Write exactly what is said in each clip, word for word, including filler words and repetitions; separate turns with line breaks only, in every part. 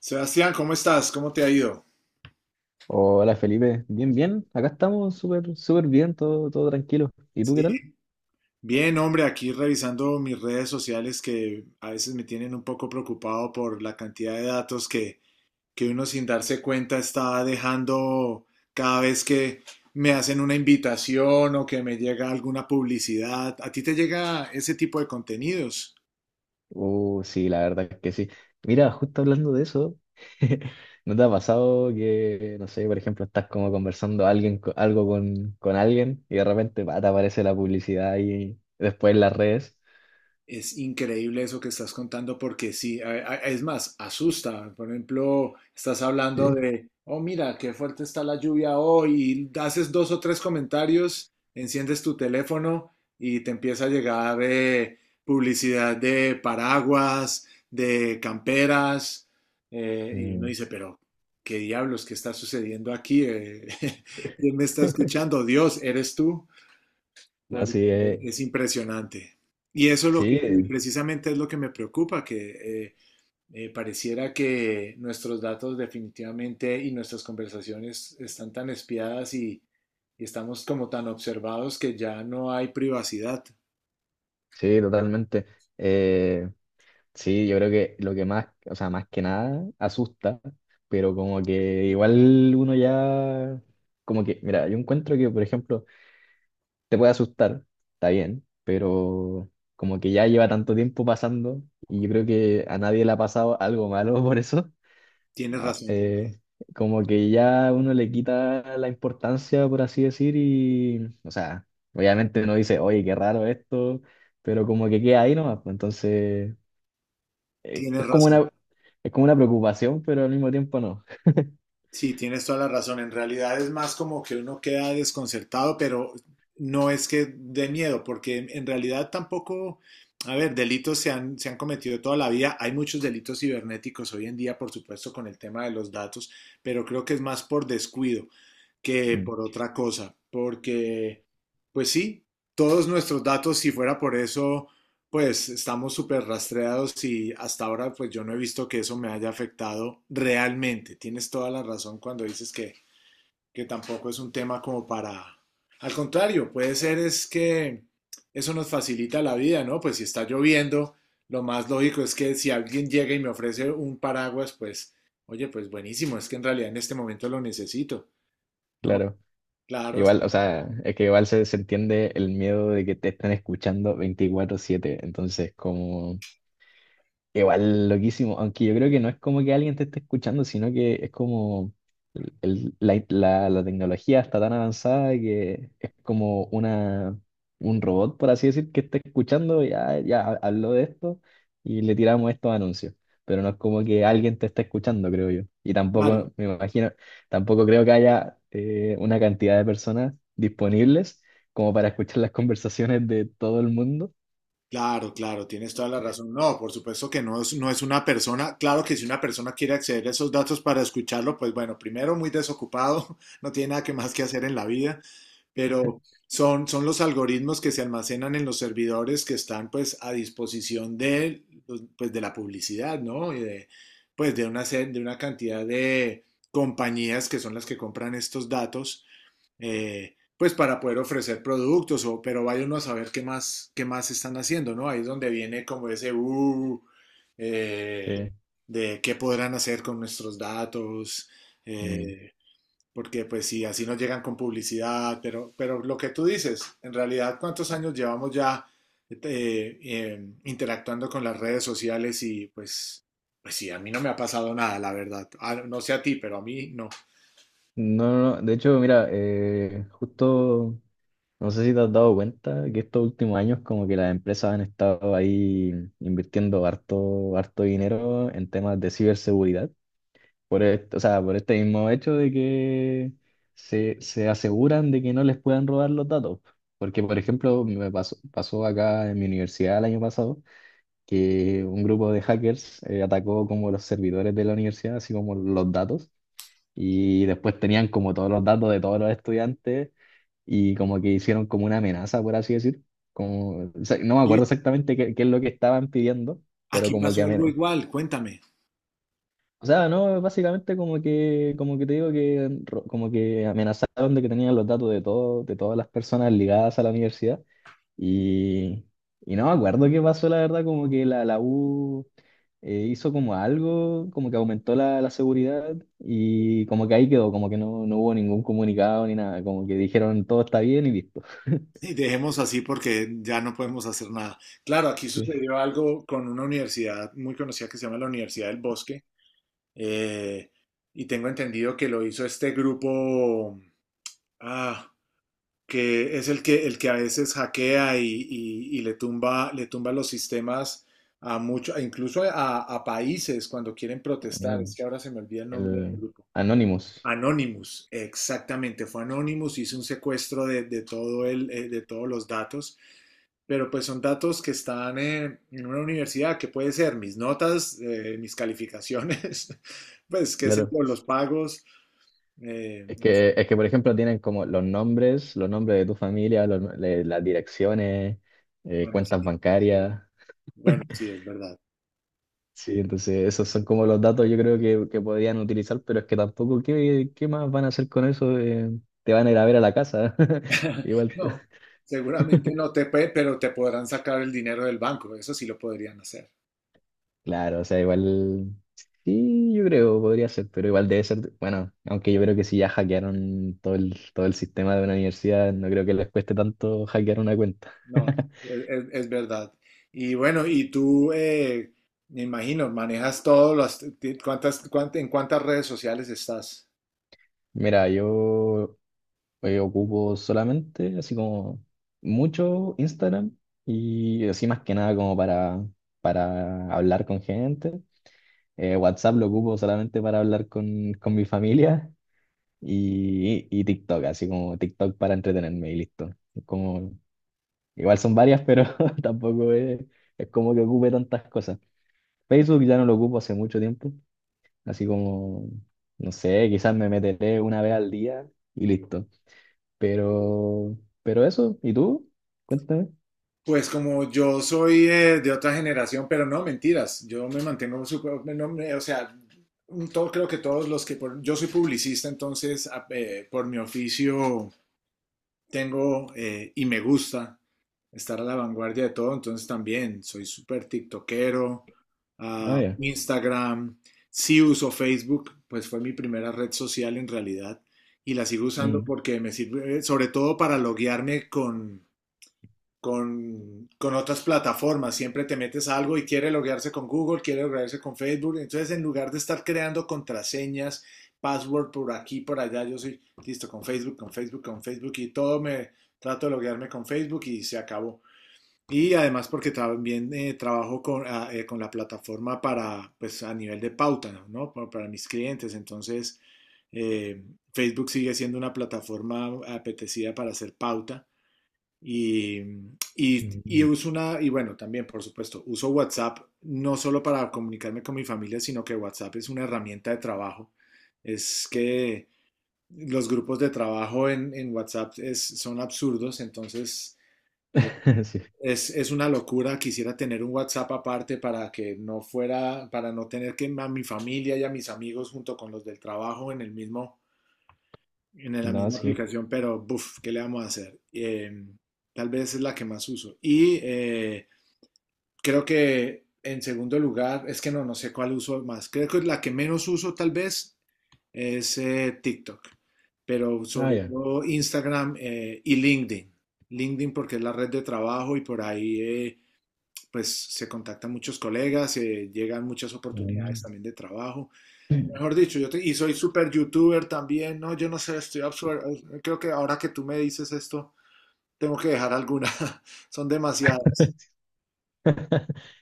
Sebastián, ¿cómo estás? ¿Cómo te ha ido?
Hola Felipe, bien, bien, acá estamos súper, súper bien, todo, todo tranquilo. ¿Y tú qué
Sí.
tal?
Bien, hombre, aquí revisando mis redes sociales que a veces me tienen un poco preocupado por la cantidad de datos que, que uno sin darse cuenta está dejando cada vez que me hacen una invitación o que me llega alguna publicidad. ¿A ti te llega ese tipo de contenidos?
Uh, sí, la verdad es que sí. Mira, justo hablando de eso, ¿no te ha pasado que, no sé, por ejemplo, estás como conversando alguien, co- algo con, con alguien y de repente pa, te aparece la publicidad y después en las redes?
Es increíble eso que estás contando porque sí, a- a- es más, asusta. Por ejemplo, estás hablando
Sí.
de, oh, mira, qué fuerte está la lluvia hoy, y haces dos o tres comentarios, enciendes tu teléfono y te empieza a llegar eh, publicidad de paraguas, de camperas, eh, y uno
Mm.
dice, pero, ¿qué diablos, qué está sucediendo aquí? Eh, ¿quién me está escuchando? Dios, ¿eres tú?
No,
Por-
sí, eh,
Es impresionante. Y eso es lo que,
sí,
y
eh,
precisamente es lo que me preocupa, que eh, eh, pareciera que nuestros datos definitivamente y nuestras conversaciones están tan espiadas y, y estamos como tan observados que ya no hay privacidad.
sí, totalmente. Eh, Sí, yo creo que lo que más, o sea, más que nada asusta, pero como que igual uno ya, como que, mira, yo encuentro que, por ejemplo, te puede asustar, está bien, pero como que ya lleva tanto tiempo pasando y yo creo que a nadie le ha pasado algo malo por eso,
Tienes
ah,
razón,
eh, como que ya uno le quita la importancia, por así decir, y, o sea, obviamente uno dice, oye, qué raro esto, pero como que queda ahí nomás, pues, entonces eh,
tienes
es como
razón.
una, es como una preocupación, pero al mismo tiempo no.
Sí, tienes toda la razón. En realidad es más como que uno queda desconcertado, pero no es que de miedo, porque en en realidad tampoco, a ver, delitos se han, se han cometido toda la vida. Hay muchos delitos cibernéticos hoy en día, por supuesto, con el tema de los datos, pero creo que es más por descuido que
Mm.
por otra cosa, porque, pues sí, todos nuestros datos, si fuera por eso, pues estamos súper rastreados y hasta ahora pues yo no he visto que eso me haya afectado realmente. Tienes toda la razón cuando dices que, que tampoco es un tema como para... Al contrario, puede ser es que eso nos facilita la vida, ¿no? Pues si está lloviendo, lo más lógico es que si alguien llega y me ofrece un paraguas, pues, oye, pues buenísimo, es que en realidad en este momento lo necesito, ¿no?
Claro.
Claro,
Igual, o
sí,
sea, es que igual se, se entiende el miedo de que te están escuchando veinticuatro siete entonces como. Igual, loquísimo, aunque yo creo que no es como que alguien te esté escuchando, sino que es como el- el- la, la- la tecnología está tan avanzada que es como una, un robot, por así decir, que está escuchando, ya, ya ha- habló de esto y le tiramos estos anuncios, pero no es como que alguien te esté escuchando, creo yo. Y
claro.
tampoco, me imagino, tampoco creo que haya eh, una cantidad de personas disponibles como para escuchar las conversaciones de todo el mundo.
Claro, claro, tienes toda la razón. No, por supuesto que no es, no es una persona. Claro que si una persona quiere acceder a esos datos para escucharlo, pues bueno, primero muy desocupado, no tiene nada que más que hacer en la vida, pero son, son los algoritmos que se almacenan en los servidores que están pues a disposición de, los- pues, de la publicidad, ¿no? Y de, pues de una, se- de una cantidad de compañías que son las que compran estos datos eh, pues para poder ofrecer productos, o, pero vaya uno a saber qué más, qué más están haciendo, ¿no? Ahí es donde viene como ese, uh, eh,
Sí.
de qué podrán hacer con nuestros datos, eh, porque pues sí, así nos llegan con publicidad, pero, pero lo que tú dices, en realidad, ¿cuántos años llevamos ya eh, eh, interactuando con las redes sociales? Y pues, pues sí, a mí no me ha pasado nada, la verdad. Ah, no sé a ti, pero a mí no.
No, no, no. De hecho, mira, eh, justo, no sé si te has dado cuenta que estos últimos años como que las empresas han estado ahí invirtiendo harto, harto dinero en temas de ciberseguridad, por esto, o sea, por este mismo hecho de que se, se aseguran de que no les puedan robar los datos. Porque, por ejemplo, me pasó, pasó acá en mi universidad el año pasado que un grupo de hackers eh, atacó como los servidores de la universidad, así como los datos. Y después tenían como todos los datos de todos los estudiantes y como que hicieron como una amenaza, por así decir. Como, o sea, no me acuerdo
Y
exactamente qué, qué es lo que estaban pidiendo, pero
aquí
como que
pasó algo
amenazaron.
igual, cuéntame.
O sea, no, básicamente como que, como que te digo que ro- como que amenazaron de que tenían los datos de todo, de todas las personas ligadas a la universidad y, y no me acuerdo qué pasó, la verdad, como que la, la U eh, hizo como algo, como que aumentó la, la seguridad y como que ahí quedó, como que no, no hubo ningún comunicado ni nada, como que dijeron todo está bien y listo.
Y dejemos así porque ya no podemos hacer nada. Claro, aquí
Sí.
sucedió algo con una universidad muy conocida que se llama la Universidad del Bosque. Eh, y tengo entendido que lo hizo este grupo ah, que es el que, el que a veces hackea y, y- y le tumba, le tumba los sistemas a muchos, incluso a, a países cuando quieren protestar.
Ah,
Es que ahora se me olvida el nombre del
el
grupo.
Anonymous,
Anonymous, exactamente, fue Anonymous, hizo un secuestro de, de todo el, eh, de todos los datos, pero pues son datos que están en, en una universidad, que puede ser mis notas, eh, mis calificaciones, pues qué sé
claro.
yo, los pagos. Eh,
Es
no sé,
que, es que, por ejemplo, tienen como los nombres, los nombres de tu familia, los- le- las direcciones, eh,
bueno, sí,
cuentas bancarias.
bueno, sí, es verdad.
Sí, entonces esos son como los datos yo creo que, que podrían utilizar, pero es que tampoco, ¿qué, qué más van a hacer con eso? Eh, te van a ir a ver a la casa. Igual,
No, seguramente no te puede, pero te podrán sacar el dinero del banco, eso sí lo podrían hacer.
claro, o sea, igual, sí, yo creo, podría ser, pero igual debe ser, bueno, aunque yo creo que si ya hackearon todo el, todo el sistema de una universidad, no creo que les cueste tanto hackear una cuenta.
No, es, es- es verdad. Y bueno, y tú, eh, me imagino, manejas todos los, ti- ¿cuántas, cuánt- en cuántas redes sociales estás?
Mira, yo eh, ocupo solamente así como mucho Instagram y así más que nada como para, para hablar con gente. Eh, WhatsApp lo ocupo solamente para hablar con, con mi familia y, y TikTok, así como TikTok para entretenerme y listo. Como, igual son varias, pero tampoco es, es como que ocupe tantas cosas. Facebook ya no lo ocupo hace mucho tiempo, así como, no sé, quizás me meteré una vez al día y listo. Pero, pero eso, ¿y tú? Cuéntame.
Pues como yo soy eh, de otra generación, pero no, mentiras, yo me mantengo súper, no, me- o sea, un- todo, creo que todos los que, por- yo soy publicista, entonces a- eh, por mi oficio tengo eh, y me gusta estar a la vanguardia de todo, entonces también soy súper tiktokero,
Ah,
ah,
ya.
Instagram, sí uso Facebook, pues fue mi primera red social en realidad y la sigo usando
Mm.
porque me sirve, eh, sobre todo para loguearme con con, con otras plataformas. Siempre te metes a algo y quiere loguearse con Google, quiere loguearse con Facebook. Entonces, en lugar de estar creando contraseñas, password por aquí, por allá, yo soy listo con Facebook, con Facebook, con Facebook y todo me trato de loguearme con Facebook y se acabó. Y además porque también eh, trabajo con, ah, eh, con, la plataforma para, pues a nivel de pauta, ¿no? Para, para mis clientes. Entonces, eh, Facebook sigue siendo una plataforma apetecida para hacer pauta. Y, y, y
Mm.
uso una, y bueno, también por supuesto, uso WhatsApp no solo para comunicarme con mi familia, sino que WhatsApp es una herramienta de trabajo. Es que los grupos de trabajo en, en WhatsApp es- son absurdos, entonces
Sí.
es, es una locura. Quisiera tener un WhatsApp aparte para que no fuera, para no tener que a mi familia y a mis amigos junto con los del trabajo en el mismo, en la
No,
misma
sí.
aplicación, pero buf, ¿qué le vamos a hacer? Eh, tal vez es la que más uso. Y eh, creo que en segundo lugar, es que no, no sé cuál uso más. Creo que la que menos uso tal vez es eh, TikTok, pero
Ah,
sobre
ya.
todo Instagram eh, y LinkedIn. LinkedIn porque es la red de trabajo y por ahí eh, pues se contactan muchos colegas, eh, llegan muchas
Mm.
oportunidades también de trabajo. Mejor dicho, yo te- y soy super youtuber también, ¿no? Yo no sé, estoy absurdo. Creo que ahora que tú me dices esto, tengo que dejar alguna. Son demasiadas.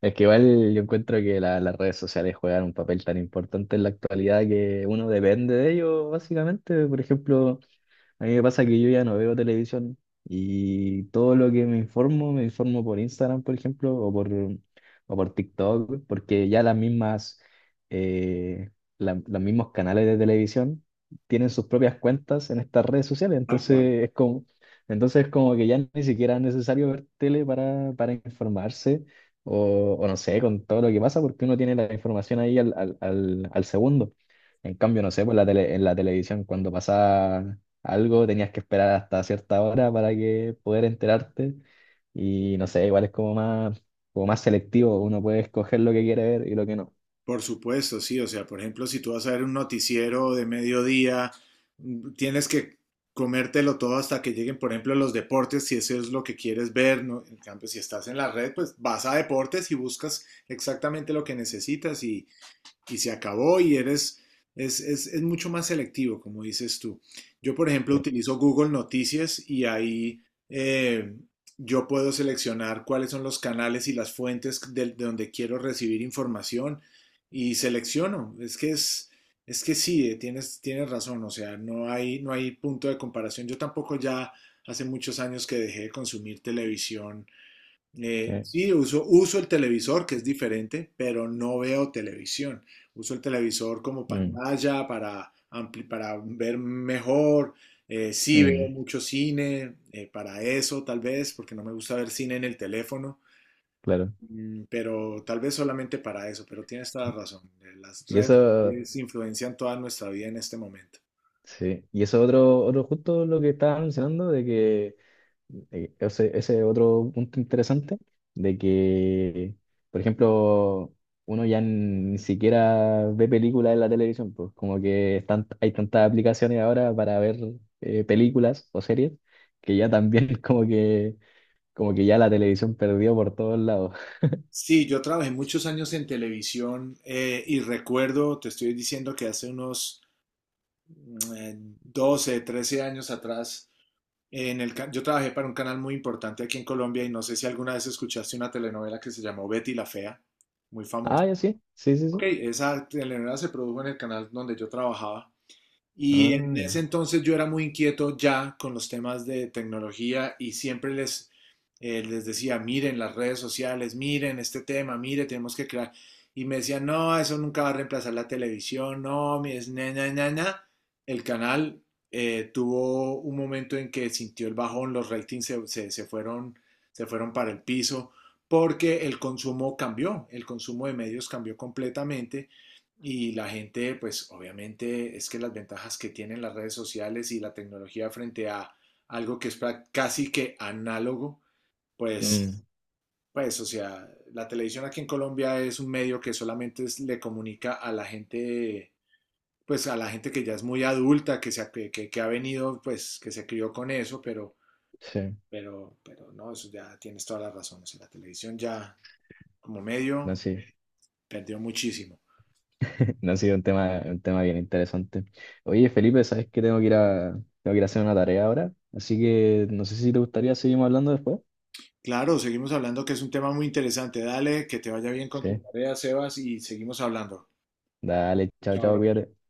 Es que igual yo encuentro que la- las redes sociales juegan un papel tan importante en la actualidad que uno depende de ellos, básicamente. Por ejemplo, a mí me pasa que yo ya no veo televisión y todo lo que me informo, me informo por Instagram, por ejemplo, o por, o por TikTok, porque ya las mismas, eh, la- los mismos canales de televisión tienen sus propias cuentas en estas redes sociales,
Tal cual.
entonces es como, entonces es como que ya ni siquiera es necesario ver tele para, para informarse o, o no sé, con todo lo que pasa, porque uno tiene la información ahí al, al, al, al segundo. En cambio, no sé, pues la tele- en la televisión cuando pasaba algo, tenías que esperar hasta cierta hora para que poder enterarte. Y no sé, igual es como más, como más selectivo, uno puede escoger lo que quiere ver y lo que no.
Por supuesto, sí. O sea, por ejemplo, si tú vas a ver un noticiero de mediodía, mm, tienes que comértelo todo hasta que lleguen, por ejemplo, los deportes, si eso es lo que quieres ver, ¿no? En cambio, si estás en la red, pues vas a deportes y buscas exactamente lo que necesitas y, y se acabó y eres, es, es, es mucho más selectivo, como dices tú. Yo, por ejemplo,
Sí,
utilizo Google Noticias y ahí eh, yo puedo seleccionar cuáles son los canales y las fuentes de, de donde quiero recibir información y selecciono. Es que es, es que sí, eh, tienes, tienes razón, o sea, no hay, no hay punto de comparación. Yo tampoco ya hace muchos años que dejé de consumir televisión, eh,
sí.
sí, uso, uso el televisor, que es diferente, pero no veo televisión. Uso el televisor como
Mm,
pantalla para, ampli- para ver mejor. Eh, sí veo
mm,
mucho cine, eh, para eso tal vez, porque no me gusta ver cine en el teléfono.
claro.
Mm, pero tal vez solamente para eso, pero tienes toda la razón. Eh, Las
Y
redes
eso,
sociales influencian toda nuestra vida en este momento.
sí. Y eso otro, otro justo lo que estaba mencionando, de que Eh, ese, ese es otro punto interesante, de que, por ejemplo, uno ya ni siquiera ve películas en la televisión, pues como que están, hay tantas aplicaciones ahora para ver eh, películas o series, que ya también como que, como que ya la televisión perdió por todos lados.
Sí, yo trabajé muchos años en televisión eh, y recuerdo, te estoy diciendo que hace unos... eh, doce, trece años atrás, en el, yo trabajé para un canal muy importante aquí en Colombia y no sé si alguna vez escuchaste una telenovela que se llamó Betty la Fea, muy famosa.
Ah, ya, sí, sí, sí,
Ok,
sí.
esa telenovela se produjo en el canal donde yo trabajaba. Y
Ah,
en ese
ya.
entonces yo era muy inquieto ya con los temas de tecnología y siempre les, eh, les decía, miren las redes sociales, miren este tema, mire, tenemos que crear. Y me decían, no, eso nunca va a reemplazar la televisión, no, mi es na, na, na, na". El canal eh, tuvo un momento en que sintió el bajón, los ratings se, se- se fueron, se fueron para el piso porque el consumo cambió, el consumo de medios cambió completamente y la gente, pues obviamente es que las ventajas que tienen las redes sociales y la tecnología frente a algo que es prac- casi que análogo,
Mm,
pues, pues, o sea, la televisión aquí en Colombia es un medio que solamente es- le comunica a la gente, pues a la gente que ya es muy adulta, que, se, ha- que, que- que ha venido, pues, que se crió con eso, pero,
sí,
pero, pero no, eso ya tienes toda la razón, o sea, la televisión ya como
no,
medio
sí.
perdió muchísimo.
No ha sido un tema, un tema bien interesante. Oye, Felipe, sabes que tengo que ir a, tengo que ir a hacer una tarea ahora, así que no sé si te gustaría seguimos hablando después.
Claro, seguimos hablando que es un tema muy interesante. Dale, que te vaya bien con tu
Sí.
tarea, Sebas, y seguimos hablando.
Dale, chao,
Chao,
chao,
bro.
cuídate.